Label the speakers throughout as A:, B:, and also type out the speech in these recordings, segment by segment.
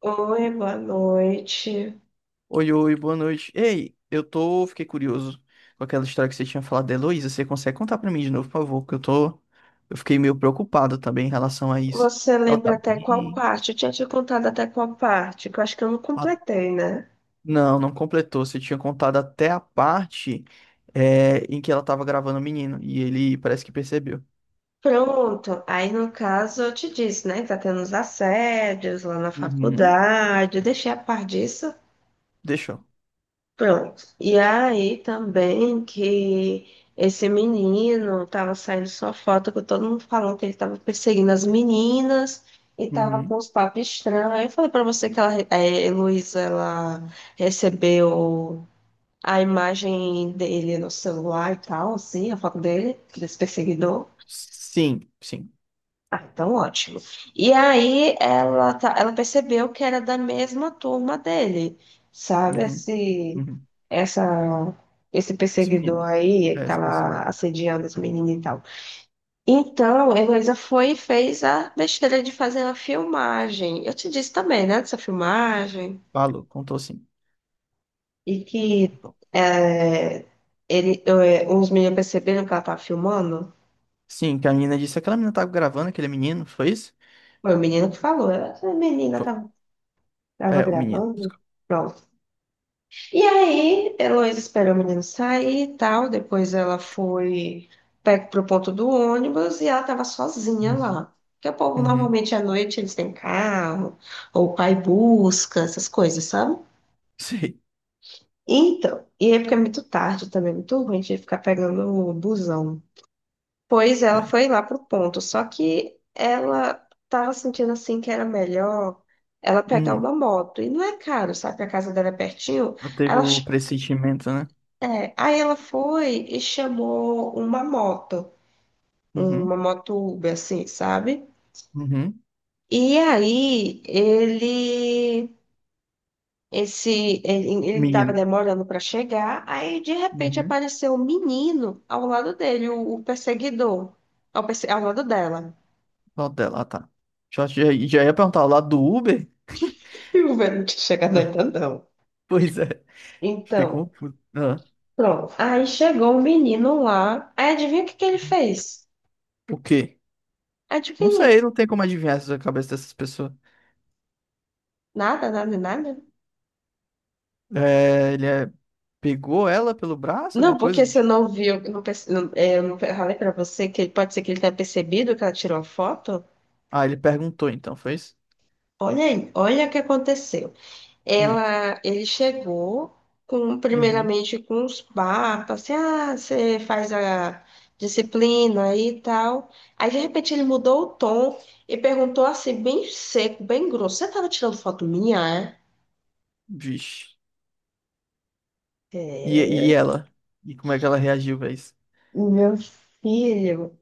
A: Oi, boa noite.
B: Oi, oi, boa noite. Ei, fiquei curioso com aquela história que você tinha falado da Heloísa. Você consegue contar pra mim de novo, por favor? Que eu fiquei meio preocupado também em relação a isso.
A: Você
B: Ela
A: lembra
B: tá
A: até qual
B: bem?
A: parte? Eu tinha te contado até qual parte, que eu acho que eu não
B: Ah,
A: completei, né?
B: não, não completou. Você tinha contado até a parte, em que ela tava gravando o menino e ele parece que percebeu.
A: Pronto. Aí, no caso, eu te disse, né? Tá tendo os assédios lá na
B: Uhum.
A: faculdade. Eu deixei a par disso.
B: Deixou.
A: Pronto. E aí também que esse menino tava saindo sua foto com todo mundo falando que ele tava perseguindo as meninas e tava
B: Uhum.
A: com os papos estranhos. Aí eu falei pra você que ela, Heloísa, ela recebeu a imagem dele no celular e tal, assim, a foto dele, desse perseguidor.
B: Sim, sim.
A: Ah, então ótimo. E aí ela, ela percebeu que era da mesma turma dele, sabe?
B: Uhum. Uhum.
A: Essa, esse
B: Esse
A: perseguidor
B: menino.
A: aí que
B: É, esse
A: tava
B: perseguido.
A: assediando as meninas e tal. Então, a Heloísa foi e fez a besteira de fazer uma filmagem. Eu te disse também, né, dessa filmagem.
B: Falou, contou sim.
A: E que
B: Contou.
A: é, ele, é, os meninos perceberam que ela tava filmando.
B: Sim, que a menina disse, aquela menina tava gravando aquele menino, foi isso?
A: Foi o menino que falou. Ela, a menina
B: Foi-
A: tava, tava
B: É, o menino.
A: gravando.
B: Desculpa.
A: Pronto. E aí, Heloísa esperou o menino sair e tal. Depois ela foi pro ponto do ônibus e ela tava sozinha
B: Uhum.
A: lá. Porque o povo,
B: Uhum.
A: normalmente, à noite, eles têm carro, ou o pai busca, essas coisas, sabe?
B: Sei.
A: Então, e aí porque é muito tarde também, é muito ruim de ficar pegando o busão. Pois ela
B: É.
A: foi lá pro ponto, só que ela tava sentindo assim que era melhor ela pegar
B: Hum.
A: uma moto. E não é caro, sabe? A casa dela é pertinho.
B: Ela teve
A: Ela,
B: o
A: ch-
B: pressentimento, né?
A: é, aí ela foi e chamou uma
B: Uhum.
A: moto Uber, assim, sabe?
B: Uhum.
A: E aí ele tava
B: Menino.
A: demorando para chegar, aí de repente
B: Uhum.
A: apareceu um menino ao lado dele, o perseguidor, ao lado dela.
B: Lado dela, ah, tá. Já, já, já ia perguntar, o lado do Uber?
A: E o velho não tinha chegado
B: É.
A: ainda, não.
B: Pois é. Fiquei
A: Então,
B: confuso. Ah.
A: pronto. Aí chegou um menino lá. Aí adivinha o que que ele fez?
B: O quê? Não
A: Adivinha?
B: sei, não tem como adivinhar essa cabeça dessas pessoas.
A: Nada, nada, nada.
B: É, pegou ela pelo braço,
A: Não,
B: alguma coisa?
A: porque você não viu, eu não, perce- não- é, eu não falei pra você que pode ser que ele tenha percebido que ela tirou a foto.
B: Ah, ele perguntou então, foi isso?
A: Olha aí, olha o que aconteceu.
B: Hum.
A: Ela, ele chegou com,
B: Uhum.
A: primeiramente com uns papos, assim, ah, você faz a disciplina aí e tal. Aí de repente ele mudou o tom e perguntou assim, bem seco, bem grosso: Você estava tirando foto minha? É?
B: Vixe. E, e
A: É,
B: ela? E como é que ela reagiu pra isso?
A: meu filho,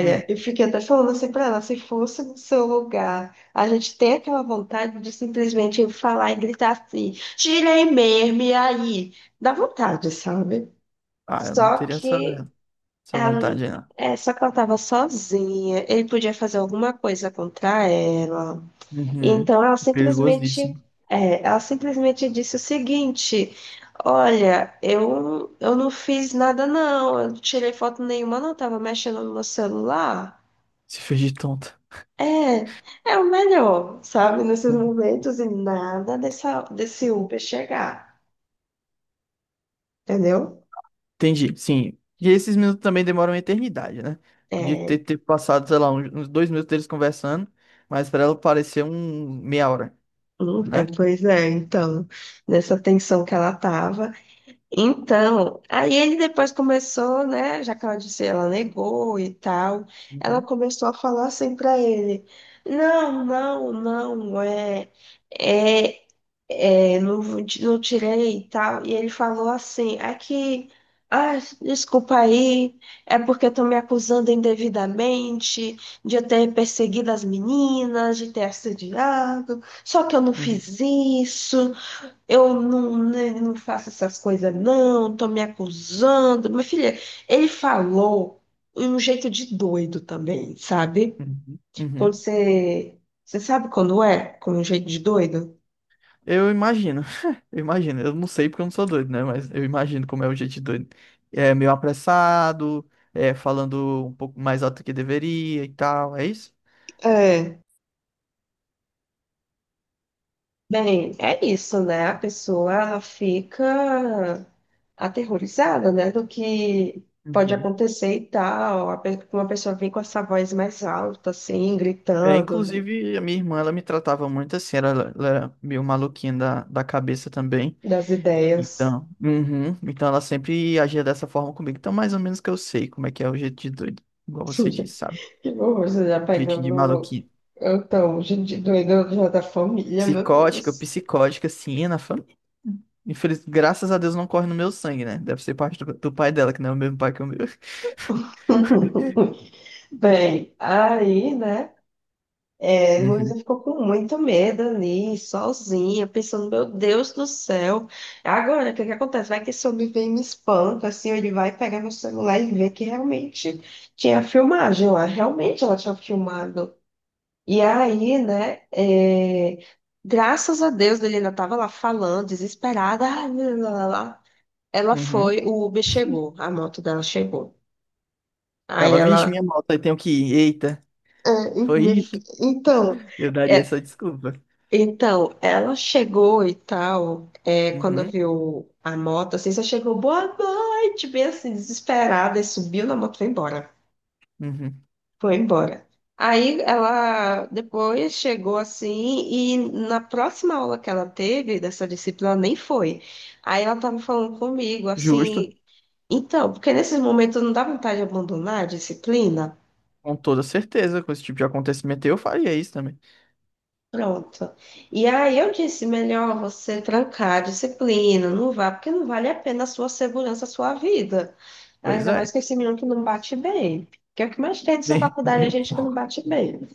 B: Hum.
A: eu fiquei até falando assim pra ela, se fosse no seu lugar, a gente tem aquela vontade de simplesmente falar e gritar assim, tirei mesmo, e aí? Dá vontade, sabe?
B: Ah, eu não
A: Só
B: teria essa,
A: que
B: essa
A: ela,
B: vontade aí, não.
A: só que ela tava sozinha, ele podia fazer alguma coisa contra ela.
B: Uhum.
A: Então ela
B: É
A: simplesmente,
B: perigosíssimo.
A: ela simplesmente disse o seguinte: Olha, eu não fiz nada, não, eu não tirei foto nenhuma, não, estava mexendo no meu celular.
B: Se fez de tonta.
A: É, é o melhor, sabe, nesses momentos e nada dessa, desse Uber chegar, entendeu?
B: Entendi, sim. E esses minutos também demoram uma eternidade, né? Podia ter,
A: É,
B: ter passado, sei lá, uns 2 minutos deles conversando, mas pra ela pareceu um meia hora,
A: é,
B: né?
A: pois é, então, nessa tensão que ela tava. Então, aí ele depois começou, né? Já que ela disse, ela negou e tal. Ela
B: Uhum,
A: começou a falar assim pra ele: Não, não, não, é, é, não, não tirei e tal. E ele falou assim: É que, ah, desculpa aí, é porque estão me acusando indevidamente de eu ter perseguido as meninas, de ter assediado, só que eu não
B: uhum,
A: fiz isso. Eu não, né, não faço essas coisas, não, tô me acusando. Minha filha, ele falou de um jeito de doido também, sabe?
B: uhum,
A: Quando
B: uhum.
A: você. Você sabe quando é? Com um jeito de doido?
B: Eu imagino, eu imagino, eu não sei porque eu não sou doido, né? Mas eu imagino como é o jeito de doido. É meio apressado, é falando um pouco mais alto que deveria e tal, é isso?
A: É. Bem, é isso, né? A pessoa fica aterrorizada, né? Do que pode
B: Uhum.
A: acontecer e tal. Uma pessoa vem com essa voz mais alta, assim,
B: É,
A: gritando
B: inclusive, a minha irmã, ela me tratava muito assim, ela era meio maluquinha da cabeça também.
A: das ideias.
B: Então, uhum, então ela sempre agia dessa forma comigo. Então, mais ou menos que eu sei como é que é o jeito de doido, igual você disse, sabe?
A: Que horror, você já
B: Jeito de
A: pegando.
B: maluquinho.
A: Então, gente doida já da família, meu
B: Psicótica,
A: Deus.
B: psicótica, sim, na família. Infeliz. Graças a Deus não corre no meu sangue, né? Deve ser parte do pai dela, que não é o mesmo pai que o meu.
A: Bem, aí, né? É, Luísa
B: Uhum,
A: ficou com muito medo ali, sozinha, pensando, meu Deus do céu. Agora, o que que acontece? Vai que esse homem vem e me espanta, assim, ou ele vai pegar meu celular e ver que realmente tinha filmagem lá, realmente ela tinha filmado. E aí, né? É, graças a Deus, ele ainda estava lá falando, desesperada, ah, lá, lá, lá. Ela
B: uhum.
A: foi, o Uber chegou, a moto dela chegou. Aí
B: Ela,
A: ela.
B: vixe, minha moto, aí tenho que ir. Eita,
A: É,
B: foi
A: meu
B: isso.
A: filho, então,
B: Eu daria
A: é,
B: essa desculpa.
A: então, ela chegou e tal, é, quando
B: Uhum,
A: viu a moto, assim, só chegou, boa noite, bem assim, desesperada, e subiu na moto e foi embora.
B: uhum.
A: Foi embora. Aí ela depois chegou assim, e na próxima aula que ela teve dessa disciplina, nem foi. Aí ela tava falando comigo,
B: Justo,
A: assim, então, porque nesses momentos não dá vontade de abandonar a disciplina.
B: com toda certeza. Com esse tipo de acontecimento, eu faria isso também.
A: Pronto. E aí eu disse, melhor você trancar a disciplina, não vá, porque não vale a pena a sua segurança, a sua vida.
B: Pois
A: Ainda mais
B: é,
A: com esse menino que não bate bem. Que é o que mais tem dessa
B: nem,
A: faculdade, a
B: nem um
A: gente que não
B: pouco.
A: bate bem.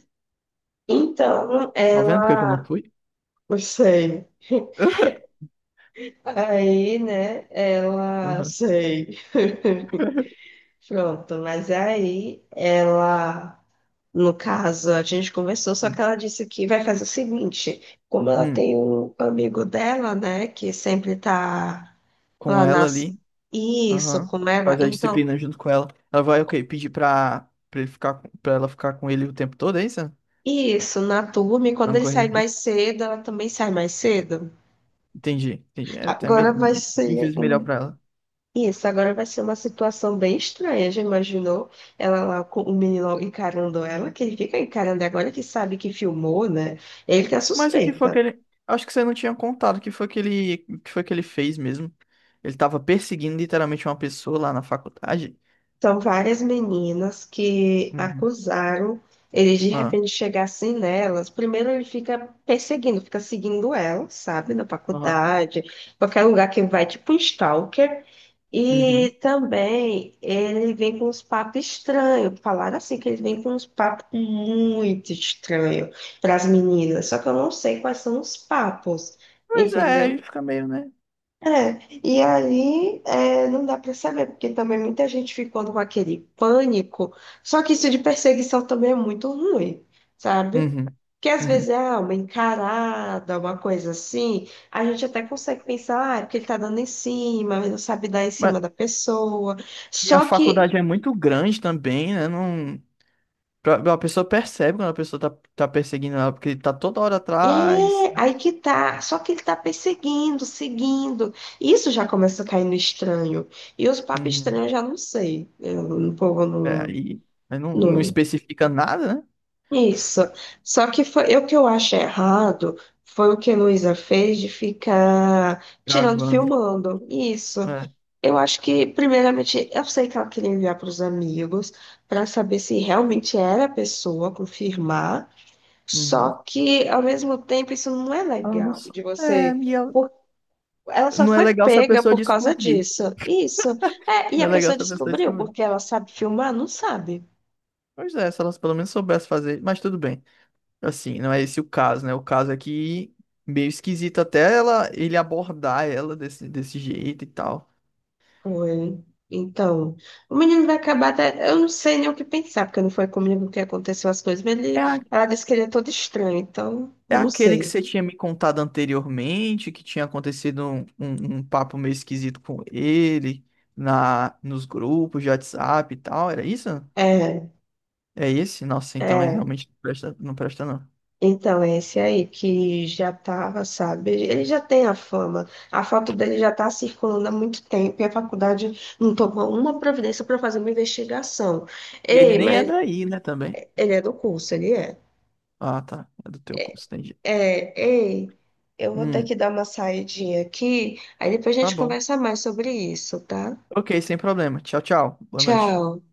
A: Então,
B: Tá vendo por que que eu não
A: ela...
B: fui?
A: Eu sei. Aí, né, ela...
B: Uhum.
A: Sei. Pronto, mas aí ela... No caso, a gente conversou, só que ela disse que vai fazer o seguinte, como ela
B: Hum,
A: tem um amigo dela, né, que sempre tá
B: com
A: lá
B: ela
A: nas...
B: ali.
A: Isso,
B: Aham.
A: com ela,
B: Faz a
A: então,
B: disciplina junto com ela. Ela vai, ok, pedir pra ele ficar, pra ela ficar com ele o tempo todo, é isso?
A: isso, na turma, e
B: Pra
A: quando
B: não
A: ele
B: correr
A: sai mais
B: risco.
A: cedo, ela também sai mais cedo.
B: Entendi, entendi. É até
A: Agora
B: melhor,
A: vai
B: mil
A: ser
B: vezes melhor
A: um...
B: pra ela.
A: Isso, agora vai ser uma situação bem estranha, já imaginou? Ela lá com o menino encarando ela, que ele fica encarando agora que sabe que filmou, né? Ele tá
B: Mas o que
A: suspeito.
B: foi que ele. Acho que você não tinha contado o que foi que ele fez mesmo. Ele tava perseguindo literalmente uma pessoa lá na faculdade.
A: São várias meninas que
B: Uhum.
A: acusaram ele de
B: Ah,
A: repente chegar assim nelas. Primeiro ele fica perseguindo, fica seguindo ela, sabe, na
B: aham.
A: faculdade, qualquer lugar que vai, tipo um stalker.
B: Uhum.
A: E também ele vem com uns papos estranhos. Falaram assim que ele vem com uns papos muito estranhos para as meninas. Só que eu não sei quais são os papos,
B: Pois é,
A: entendeu?
B: aí fica meio, né?
A: É, e aí é, não dá para saber, porque também muita gente ficou com aquele pânico, só que isso de perseguição também é muito ruim, sabe?
B: Uhum.
A: Porque às vezes
B: Uhum.
A: é ah, uma encarada, uma coisa assim, a gente até consegue pensar, ah, é porque ele tá dando em cima, mas não sabe dar em
B: Mas,
A: cima da pessoa,
B: e a
A: só que
B: faculdade é muito grande também, né? Não. A pessoa percebe quando a pessoa tá perseguindo ela, porque tá toda hora atrás.
A: é aí que tá, só que ele tá perseguindo, seguindo, isso já começa a cair no estranho, e os papos estranhos
B: Uhum.
A: eu já não sei, eu, o povo
B: É,
A: não.
B: aí não
A: Não,
B: especifica nada, né?
A: isso. Só que foi, o que eu acho errado foi o que a Luísa fez de ficar tirando,
B: Gravando.
A: filmando. Isso.
B: É.
A: Eu acho que, primeiramente, eu sei que ela queria enviar para os amigos para saber se realmente era a pessoa, confirmar. Só
B: Uhum.
A: que, ao mesmo tempo, isso não é
B: Ela não
A: legal
B: só.
A: de
B: É,
A: você. por- Ela só
B: não é
A: foi
B: legal se a
A: pega
B: pessoa
A: por causa
B: descobrir.
A: disso. Isso. É, e
B: Não
A: a
B: é legal
A: pessoa
B: se a pessoa
A: descobriu
B: descobrir.
A: porque ela sabe filmar? Não sabe.
B: Pois é, se elas pelo menos soubessem fazer, mas tudo bem. Assim, não é esse o caso, né? O caso é que meio esquisito até ela ele abordar ela desse jeito e tal.
A: Foi. Então, o menino vai acabar até. Eu não sei nem o que pensar, porque não foi comigo que aconteceu as coisas, mas ele... ela disse que ele é todo estranho, então,
B: É
A: eu não
B: aquele que
A: sei.
B: você tinha me contado anteriormente, que tinha acontecido um papo meio esquisito com ele na nos grupos de WhatsApp e tal, era isso?
A: É,
B: É esse? Nossa, então ele
A: é.
B: realmente não presta, não presta, não.
A: Então, é esse aí que já tava, sabe? Ele já tem a fama. A foto dele já tá circulando há muito tempo e a faculdade não tomou uma providência para fazer uma investigação.
B: E ele
A: Ei,
B: nem é
A: mas
B: daí, né, também?
A: ele é do curso, ele é.
B: Ah, tá. É do teu curso, entendi.
A: É, ei, eu vou ter que
B: Hum,
A: dar uma saidinha aqui, aí depois a
B: tá
A: gente
B: bom.
A: conversa mais sobre isso, tá?
B: Ok, sem problema. Tchau, tchau. Boa noite.
A: Tchau.